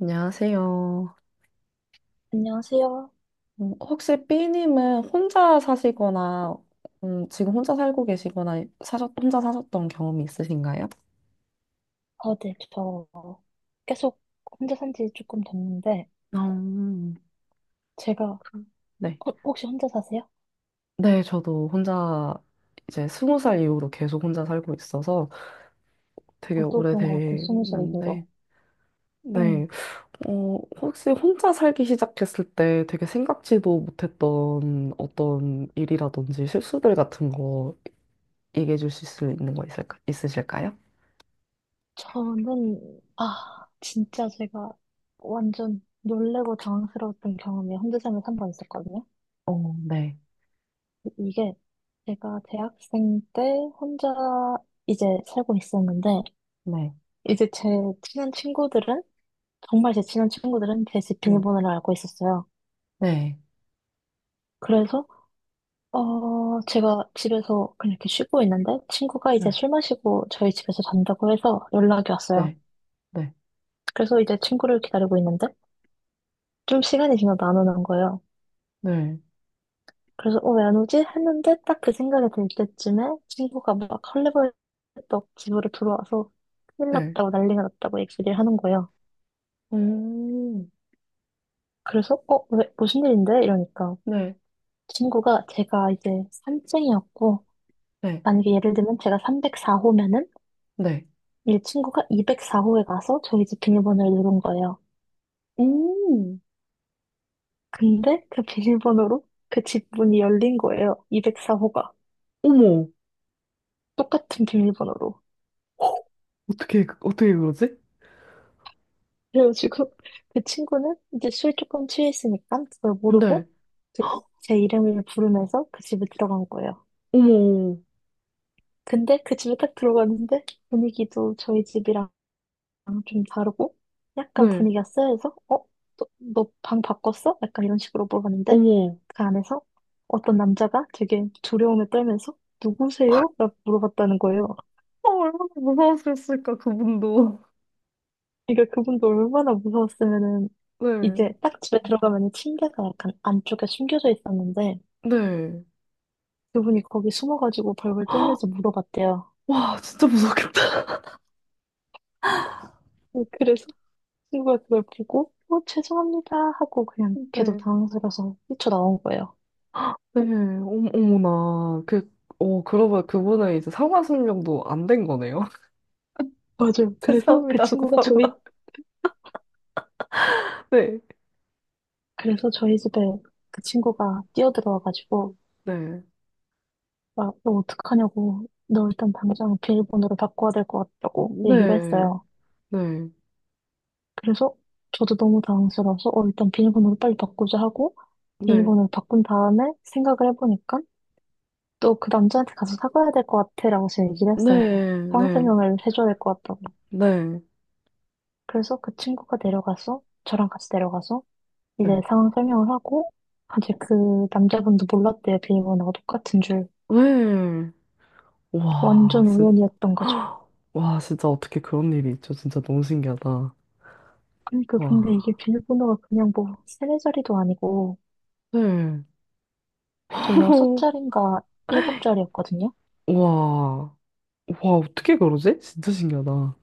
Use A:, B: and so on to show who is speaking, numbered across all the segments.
A: 안녕하세요.
B: 안녕하세요.
A: 혹시 B님은 혼자 사시거나, 지금 혼자 살고 계시거나, 혼자 사셨던 경험이 있으신가요?
B: 아, 네, 저 계속 혼자 산지 조금 됐는데,
A: 어,
B: 제가,
A: 그, 네.
B: 혹시 혼자 사세요?
A: 네, 저도 혼자 이제 20살 이후로 계속 혼자 살고 있어서 되게
B: 저도 그런 것 같아요, 20살 이후로.
A: 오래됐는데,
B: 응,
A: 네. 어, 혹시 혼자 살기 시작했을 때 되게 생각지도 못했던 어떤 일이라든지 실수들 같은 거 얘기해 주실 수 있는 거 있으실까요?
B: 진짜 제가 완전 놀래고 당황스러웠던 경험이 혼자 살면서 한 번 있었거든요.
A: 어, 네.
B: 이게 제가 대학생 때 혼자 이제 살고 있었는데,
A: 네,
B: 이제 제 친한 친구들은, 정말 제 친한 친구들은 제 집
A: 네,
B: 비밀번호를 알고 있었어요.
A: 네,
B: 그래서 제가 집에서 그냥 이렇게 쉬고 있는데 친구가 이제 술 마시고 저희 집에서 잔다고 해서 연락이 왔어요.
A: 네, 네,
B: 그래서 이제 친구를 기다리고 있는데 좀 시간이 지나도 안 오는 거예요.
A: 네, 네,
B: 그래서 왜 안 오지? 했는데 딱 그 생각이 들 때쯤에 친구가 막 헐레벌떡 집으로 들어와서 큰일
A: 네.
B: 났다고 난리가 났다고 얘기를 하는 거예요.
A: 오,
B: 그래서 왜 무슨 일인데? 이러니까
A: 네,
B: 친구가 제가 이제 산증이었고
A: 네,
B: 만약에 예를 들면 제가 304호면은
A: 네.
B: 이 친구가 204호에 가서 저희 집 비밀번호를 누른 거예요.
A: 오,
B: 근데 그 비밀번호로 그 집 문이 열린 거예요. 204호가.
A: 어머,
B: 똑같은 비밀번호로.
A: 헉, 어떻게, 어떻게 그러지?
B: 그래가지고 그 친구는 이제 술 조금 취했으니까 그걸
A: 네,
B: 모르고 그냥 제 이름을 부르면서 그 집에 들어간 거예요.
A: 어머,
B: 근데 그 집에 딱 들어갔는데 분위기도 저희 집이랑 아, 좀 다르고 약간
A: 네,
B: 분위기가 쎄해서 어? 너 방 바꿨어? 약간 이런 식으로 물어봤는데
A: 어머.
B: 그 안에서 어떤 남자가 되게 두려움에 떨면서 누구세요? 라고 물어봤다는 거예요.
A: 아, 얼마나 무서웠을까, 그분도.
B: 그러니까 그분도 얼마나 무서웠으면은
A: 네,
B: 이제 딱 집에 들어가면 침대가 약간 안쪽에 숨겨져 있었는데
A: 네.
B: 그분이 거기 숨어가지고 벌벌 떨면서 물어봤대요.
A: 와, 진짜 무섭겠다.
B: 네, 그래서 친구가 그걸 보고 어, 죄송합니다 하고 그냥 걔도
A: 네,
B: 당황스러워서 뛰쳐나온 거예요.
A: 네, 어머, 어머나. 그, 어, 그러보 그분은 이제 상하 수명도 안 된 거네요.
B: 맞아요.
A: 죄송합니다. 감사합니다. 네,
B: 그래서 저희 집에 그 친구가 뛰어들어와가지고,
A: 네.
B: 막, 너 어떡하냐고, 너 일단 당장 비밀번호를 바꿔야 될 것 같다고 얘기를
A: 네,
B: 했어요.
A: 네,
B: 그래서 저도 너무 당황스러워서, 일단 비밀번호를 빨리 바꾸자 하고,
A: 네,
B: 비밀번호를 바꾼 다음에 생각을 해보니까, 또 그 남자한테 가서 사과해야 될 것 같아라고 제가 얘기를 했어요.
A: 네,
B: 상황
A: 네,
B: 설명을 해줘야 될 것 같다고.
A: 네,
B: 그래서 그 친구가 내려가서, 저랑 같이 내려가서, 이제
A: 네,
B: 상황 설명을 하고, 이제 그 남자분도 몰랐대요. 비밀번호가 똑같은 줄.
A: 네. 와,
B: 완전 우연이었던 거죠.
A: 와, 진짜 어떻게 그런 일이 있죠? 진짜 너무 신기하다.
B: 그러니까 근데
A: 와,
B: 이게 비밀번호가 그냥 뭐 세네 자리도 아니고
A: 네.
B: 제 여섯 자리인가 일곱 자리였거든요.
A: 와, 와, 어떻게 그러지? 진짜 신기하다.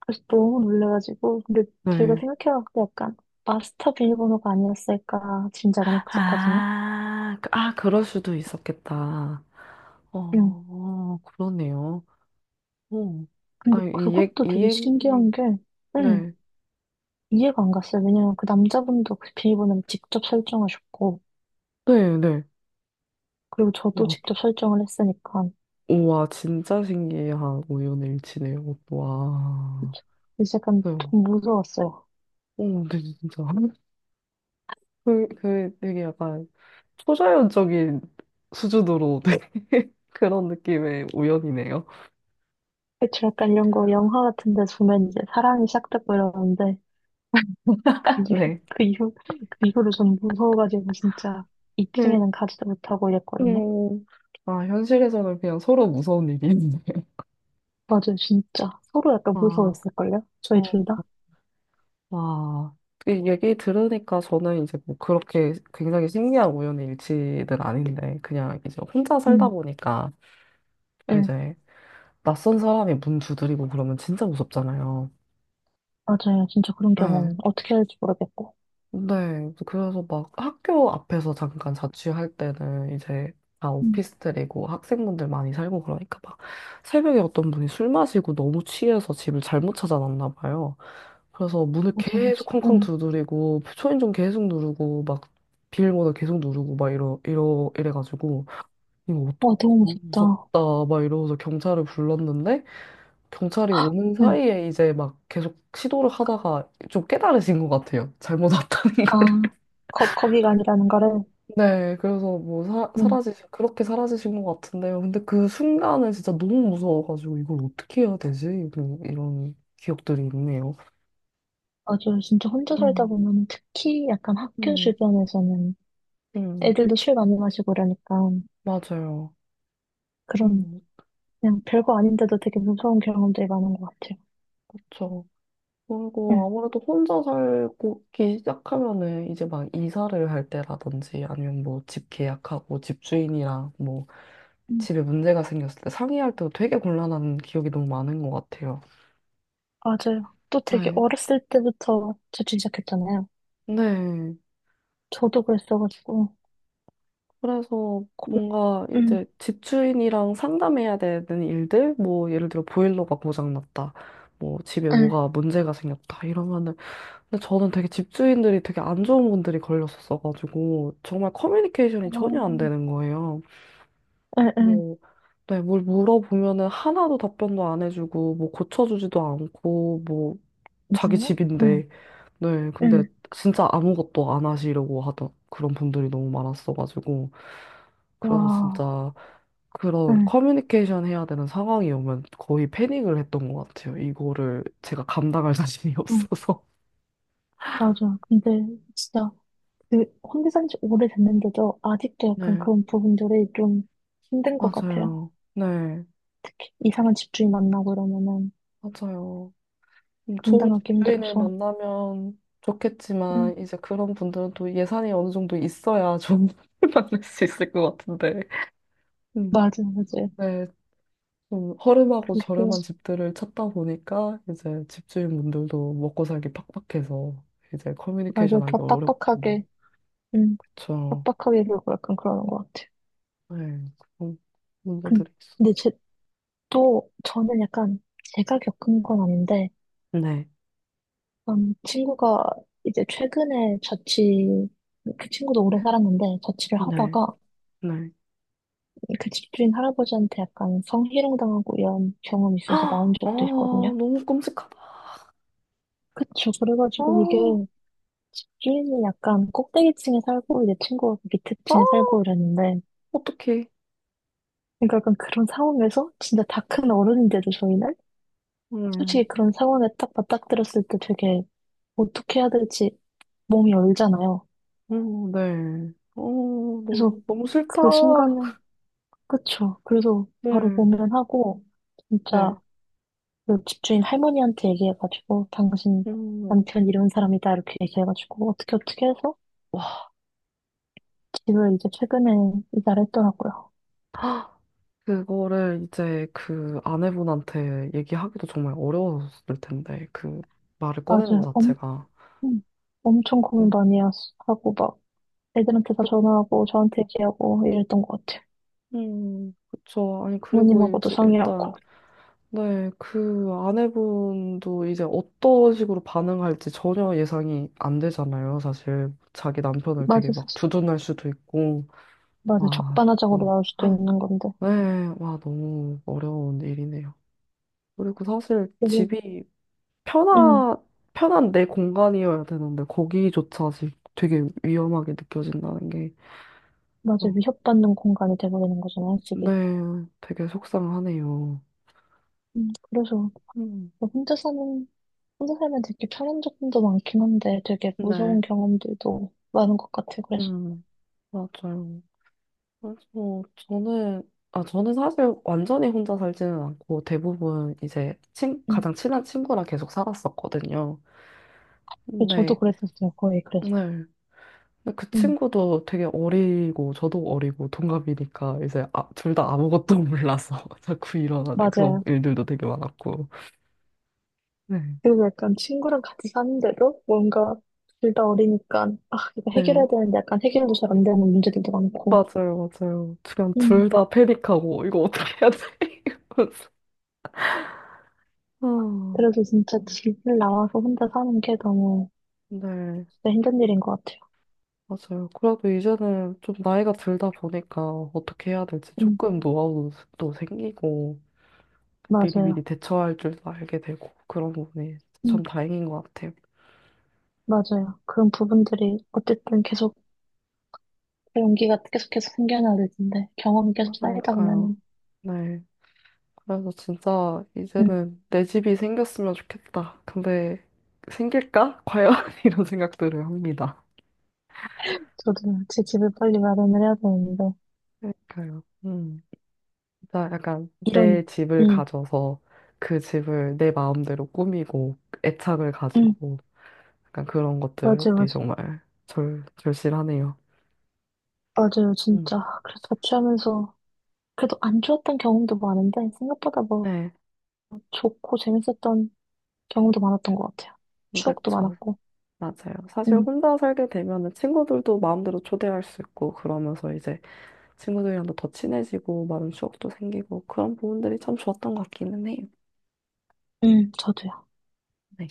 B: 그래서 너무 놀래가지고 근데 제가
A: 네.
B: 생각해봤을 때 약간 마스터 비밀번호가 아니었을까 짐작은 했었거든요.
A: 아, 아, 그럴 수도 있었겠다.
B: 응.
A: 어, 그러네요. 어,
B: 근데
A: 아,
B: 그것도 되게 신기한 게 응,
A: 네,
B: 이해가 안 갔어요. 왜냐면 그 남자분도 그 비밀번호를 직접 설정하셨고
A: 네, 네.
B: 그리고 저도
A: 와,
B: 직접 설정을 했으니까
A: 우와, 진짜 신기한 우연일치네요. 와.
B: 이제 약간
A: 그래요.
B: 좀 무서웠어요.
A: 어, 근데 진짜. 그 되게 약간 초자연적인 수준으로 되게 그런 느낌의 우연이네요.
B: 그치, 약간 이런 거 영화 같은 데서 보면 이제 사랑이 시작됐고 이러는데, 그 이후,
A: 네.
B: 그 이후, 그 이후로 전 무서워가지고 진짜
A: 네.
B: 2층에는 가지도 못하고 이랬거든요.
A: 음. 아, 현실에서는 그냥 서로 무서운 일인데.
B: 맞아요, 진짜. 서로 약간
A: 와,
B: 무서워했을걸요? 저희
A: 어,
B: 둘 다?
A: 와. 이 얘기 들으니까 저는 이제 뭐 그렇게 굉장히 신기한 우연의 일치는 아닌데, 그냥 이제 혼자 살다
B: 응,
A: 보니까
B: 응.
A: 이제 낯선 사람이 문 두드리고 그러면 진짜 무섭잖아요.
B: 맞아요, 진짜 그런
A: 네.
B: 경험. 어떻게 해야 할지 모르겠고.
A: 네. 그래서 막 학교 앞에서 잠깐 자취할 때는 이제 다
B: 응,
A: 오피스텔이고 학생분들 많이 살고 그러니까 막 새벽에 어떤 분이 술 마시고 너무 취해서 집을 잘못 찾아놨나 봐요. 그래서 문을
B: 맞아요,
A: 계속 쾅쾅
B: 맞아요. 응.
A: 두드리고 초인종 계속 누르고 막 비밀번호 계속 누르고 막 이러 이러 이래가지고 이거 어떡해,
B: 와, 너무
A: 너무
B: 무섭다.
A: 무섭다. 막 이러면서 경찰을 불렀는데, 경찰이 오는
B: 응.
A: 사이에 이제 막 계속 시도를 하다가 좀 깨달으신 것 같아요. 잘못 왔다는
B: 아,
A: 거를.
B: 거기가 아니라는 거를.
A: 네, 그래서 뭐
B: 응.
A: 그렇게 사라지신 것 같은데요. 근데 그 순간은 진짜 너무 무서워가지고 이걸 어떻게 해야 되지? 이런, 이런 기억들이 있네요.
B: 맞아요, 진짜 혼자 살다
A: 음,
B: 보면 특히 약간 학교
A: 음,
B: 주변에서는
A: 음,
B: 애들도 술 많이 마시고 이러니까.
A: 맞아요.
B: 그런
A: 음,
B: 그냥 별거 아닌데도 되게 무서운 경험들이 많은 것 같아요.
A: 그쵸. 그리고
B: 응,
A: 아무래도 혼자 살기 시작하면은 이제 막 이사를 할 때라든지 아니면 뭐 집 계약하고 집주인이랑 뭐
B: 응,
A: 집에 문제가 생겼을 때 상의할 때도 되게 곤란한 기억이 너무 많은 것 같아요.
B: 맞아요. 또 되게
A: 네.
B: 어렸을 때부터 재충 시작했잖아요.
A: 네.
B: 저도 그랬어가지고.
A: 그래서
B: 고...
A: 뭔가
B: 음.
A: 이제 집주인이랑 상담해야 되는 일들, 뭐 예를 들어 보일러가 고장났다, 뭐 집에
B: 응,
A: 뭐가 문제가 생겼다 이러면은 근데 저는 되게 집주인들이 되게 안 좋은 분들이 걸렸었어가지고, 정말 커뮤니케이션이
B: 어,
A: 전혀 안 되는 거예요.
B: 응, 응,
A: 뭐, 네, 뭘 물어보면은 하나도 답변도 안 해주고, 뭐 고쳐주지도 않고, 뭐, 자기
B: 진짜요? 응,
A: 집인데, 네, 근데
B: 응.
A: 진짜 아무것도 안 하시려고 하던 그런 분들이 너무 많았어가지고, 그래서
B: 와,
A: 진짜 그런
B: 응,
A: 커뮤니케이션 해야 되는 상황이 오면 거의 패닉을 했던 것 같아요. 이거를 제가 감당할 자신이
B: 응,
A: 없어서.
B: 맞아. 근데 진짜 그 혼자 산지 오래됐는데도 아직도 약간
A: 네.
B: 그런 부분들이 좀 힘든 것 같아요.
A: 맞아요. 네,
B: 특히 이상한 집주인 만나고 이러면은
A: 맞아요. 좀 좋은
B: 감당하기
A: 집주인을
B: 힘들어서.
A: 만나면
B: 응,
A: 좋겠지만, 이제 그런 분들은 또 예산이 어느 정도 있어야 좋은 분을 만날 수 있을 것 같은데. 음,
B: 맞아요, 맞아요.
A: 네, 좀 허름하고
B: 그게
A: 저렴한 집들을 찾다 보니까, 이제 집주인분들도 먹고 살기 팍팍해서, 이제
B: 맞아,
A: 커뮤니케이션 하기
B: 더
A: 어렵고.
B: 음,
A: 그쵸.
B: 빡빡하게 굴고 약간 그러는 것 같아요.
A: 네, 그런
B: 근-
A: 문제들이 있어.
B: 근데 저는 약간 제가 겪은 건 아닌데,
A: 네,
B: 친구가 이제 최근에 자취, 그 친구도 오래 살았는데, 자취를
A: 네,
B: 하다가
A: 네.
B: 그 집주인 할아버지한테 약간 성희롱 당하고 이런 경험이 있어서
A: 아,
B: 나온 적도 있거든요.
A: 너무 끔찍하다.
B: 그쵸.
A: 아,
B: 그래가지고 이게 집주인이 약간 꼭대기 층에 살고, 이제 친구가 그 밑에
A: 아.
B: 층에 살고 이랬는데,
A: 어떡해.
B: 그러니까 약간 그런 상황에서 진짜 다 큰 어른인데도 저희는 솔직히
A: 음,
B: 그런 상황에 딱 맞닥뜨렸을 때 되게 어떻게 해야 될지 몸이 얼잖아요.
A: 네. 어,
B: 그래서
A: 너무, 너무 싫다.
B: 그 순간은, 그쵸. 그래서 바로 보
A: 네,
B: 면하고 진짜
A: 네.
B: 그 집주인 할머니한테 얘기해가지고, 당신
A: 음,
B: 남편 이런 사람이다. 이렇게 얘기해가지고, 어떻게 어떻게 해서
A: 와,
B: 집을 이제 최근에 이사를 했더라고요.
A: 그거를 이제 그 아내분한테 얘기하기도 정말 어려웠을 텐데, 그 말을 꺼내는 것
B: 맞아요.
A: 자체가.
B: 음, 엄청 고민
A: 음,
B: 많이 하고, 막 애들한테 다
A: 그,
B: 전화하고, 저한테 얘기하고 이랬던 것 같아요.
A: 그쵸. 아니, 그리고
B: 부모님하고도
A: 이제 일단,
B: 상의하고.
A: 네, 그 아내분도 이제 어떤 식으로 반응할지 전혀 예상이 안 되잖아요, 사실. 자기 남편을 되게
B: 맞아,
A: 막
B: 사실.
A: 주둔할 수도 있고.
B: 맞아.
A: 와,
B: 적반하장으로
A: 진짜.
B: 나올 수도 있는 건데.
A: 네, 와, 너무 어려운 일이네요. 그리고 사실
B: 그래서,
A: 집이
B: 음,
A: 편한, 편한 내 공간이어야 되는데, 거기조차 지금 되게 위험하게 느껴진다는 게,
B: 맞아.
A: 어,
B: 위협받는 공간이 돼버리는 거잖아,
A: 네,
B: 집이.
A: 되게 속상하네요.
B: 그래서,
A: 음,
B: 뭐 혼자 살면 되게 편한 점도 많긴 한데, 되게
A: 네,
B: 무서운 경험들도 많은 것 같아, 그래서.
A: 음, 맞아요. 그래서 저는, 아, 저는 사실 완전히 혼자 살지는 않고, 대부분 이제 친,
B: 음,
A: 가장 친한 친구랑 계속 살았었거든요.
B: 저도
A: 네,
B: 그랬었어요, 거의,
A: 네.
B: 그래서.
A: 근데 그
B: 음,
A: 친구도 되게 어리고 저도 어리고 동갑이니까 이제 아, 둘 다 아무것도 몰라서 자꾸 일어나는 그런
B: 맞아요.
A: 일들도 되게 많았고. 네.
B: 그리고 약간 친구랑 같이 사는데도 뭔가 둘 다 어리니까, 아, 이거
A: 네,
B: 해결해야 되는데 약간 해결도 잘 안 되는 문제들도 많고.
A: 맞아요, 맞아요. 그냥
B: 음,
A: 둘 다 패닉하고 이거 어떻게 해야 돼? 이러면서. 아,
B: 그래서 진짜 집을 나와서 혼자 사는 게 너무
A: 네,
B: 진짜 힘든 일인 것 같아요.
A: 맞아요. 그래도 이제는 좀 나이가 들다 보니까 어떻게 해야 될지
B: 음,
A: 조금 노하우도 생기고
B: 맞아요.
A: 미리미리 대처할 줄도 알게 되고 그런 부분이 참
B: 음,
A: 다행인 것 같아요.
B: 맞아요. 그런 부분들이 어쨌든 계속 용기가 계속해서 생겨나야 될 텐데 경험이 계속 쌓이다
A: 그러니까요.
B: 보면은
A: 네. 그래서 진짜
B: 음,
A: 이제는 내 집이 생겼으면 좋겠다. 근데 생길까? 과연? 이런 생각들을 합니다.
B: 저도 제 집을 빨리 마련을 해야 되는데
A: 그러니까요. 음. 진짜 약간
B: 이런
A: 내 집을
B: 음,
A: 가져서 그 집을 내 마음대로 꾸미고 애착을
B: 음,
A: 가지고 약간 그런
B: 맞아요, 맞아요.
A: 것들이 정말 절, 절실하네요.
B: 맞아요,
A: 음.
B: 진짜. 그래서 같이 하면서 그래도 안 좋았던 경험도 많은데 생각보다 뭐
A: 네,
B: 좋고 재밌었던 경험도 많았던 것 같아요. 추억도
A: 그렇죠.
B: 많았고.
A: 맞아요. 사실
B: 음,
A: 혼자 살게 되면은 친구들도 마음대로 초대할 수 있고 그러면서 이제 친구들이랑도 더 친해지고 많은 추억도 생기고 그런 부분들이 참 좋았던 것 같기는 해요.
B: 저도요.
A: 네.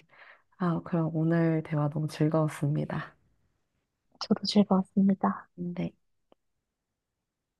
A: 아, 그럼 오늘 대화 너무 즐거웠습니다.
B: 저도 즐거웠습니다.
A: 네.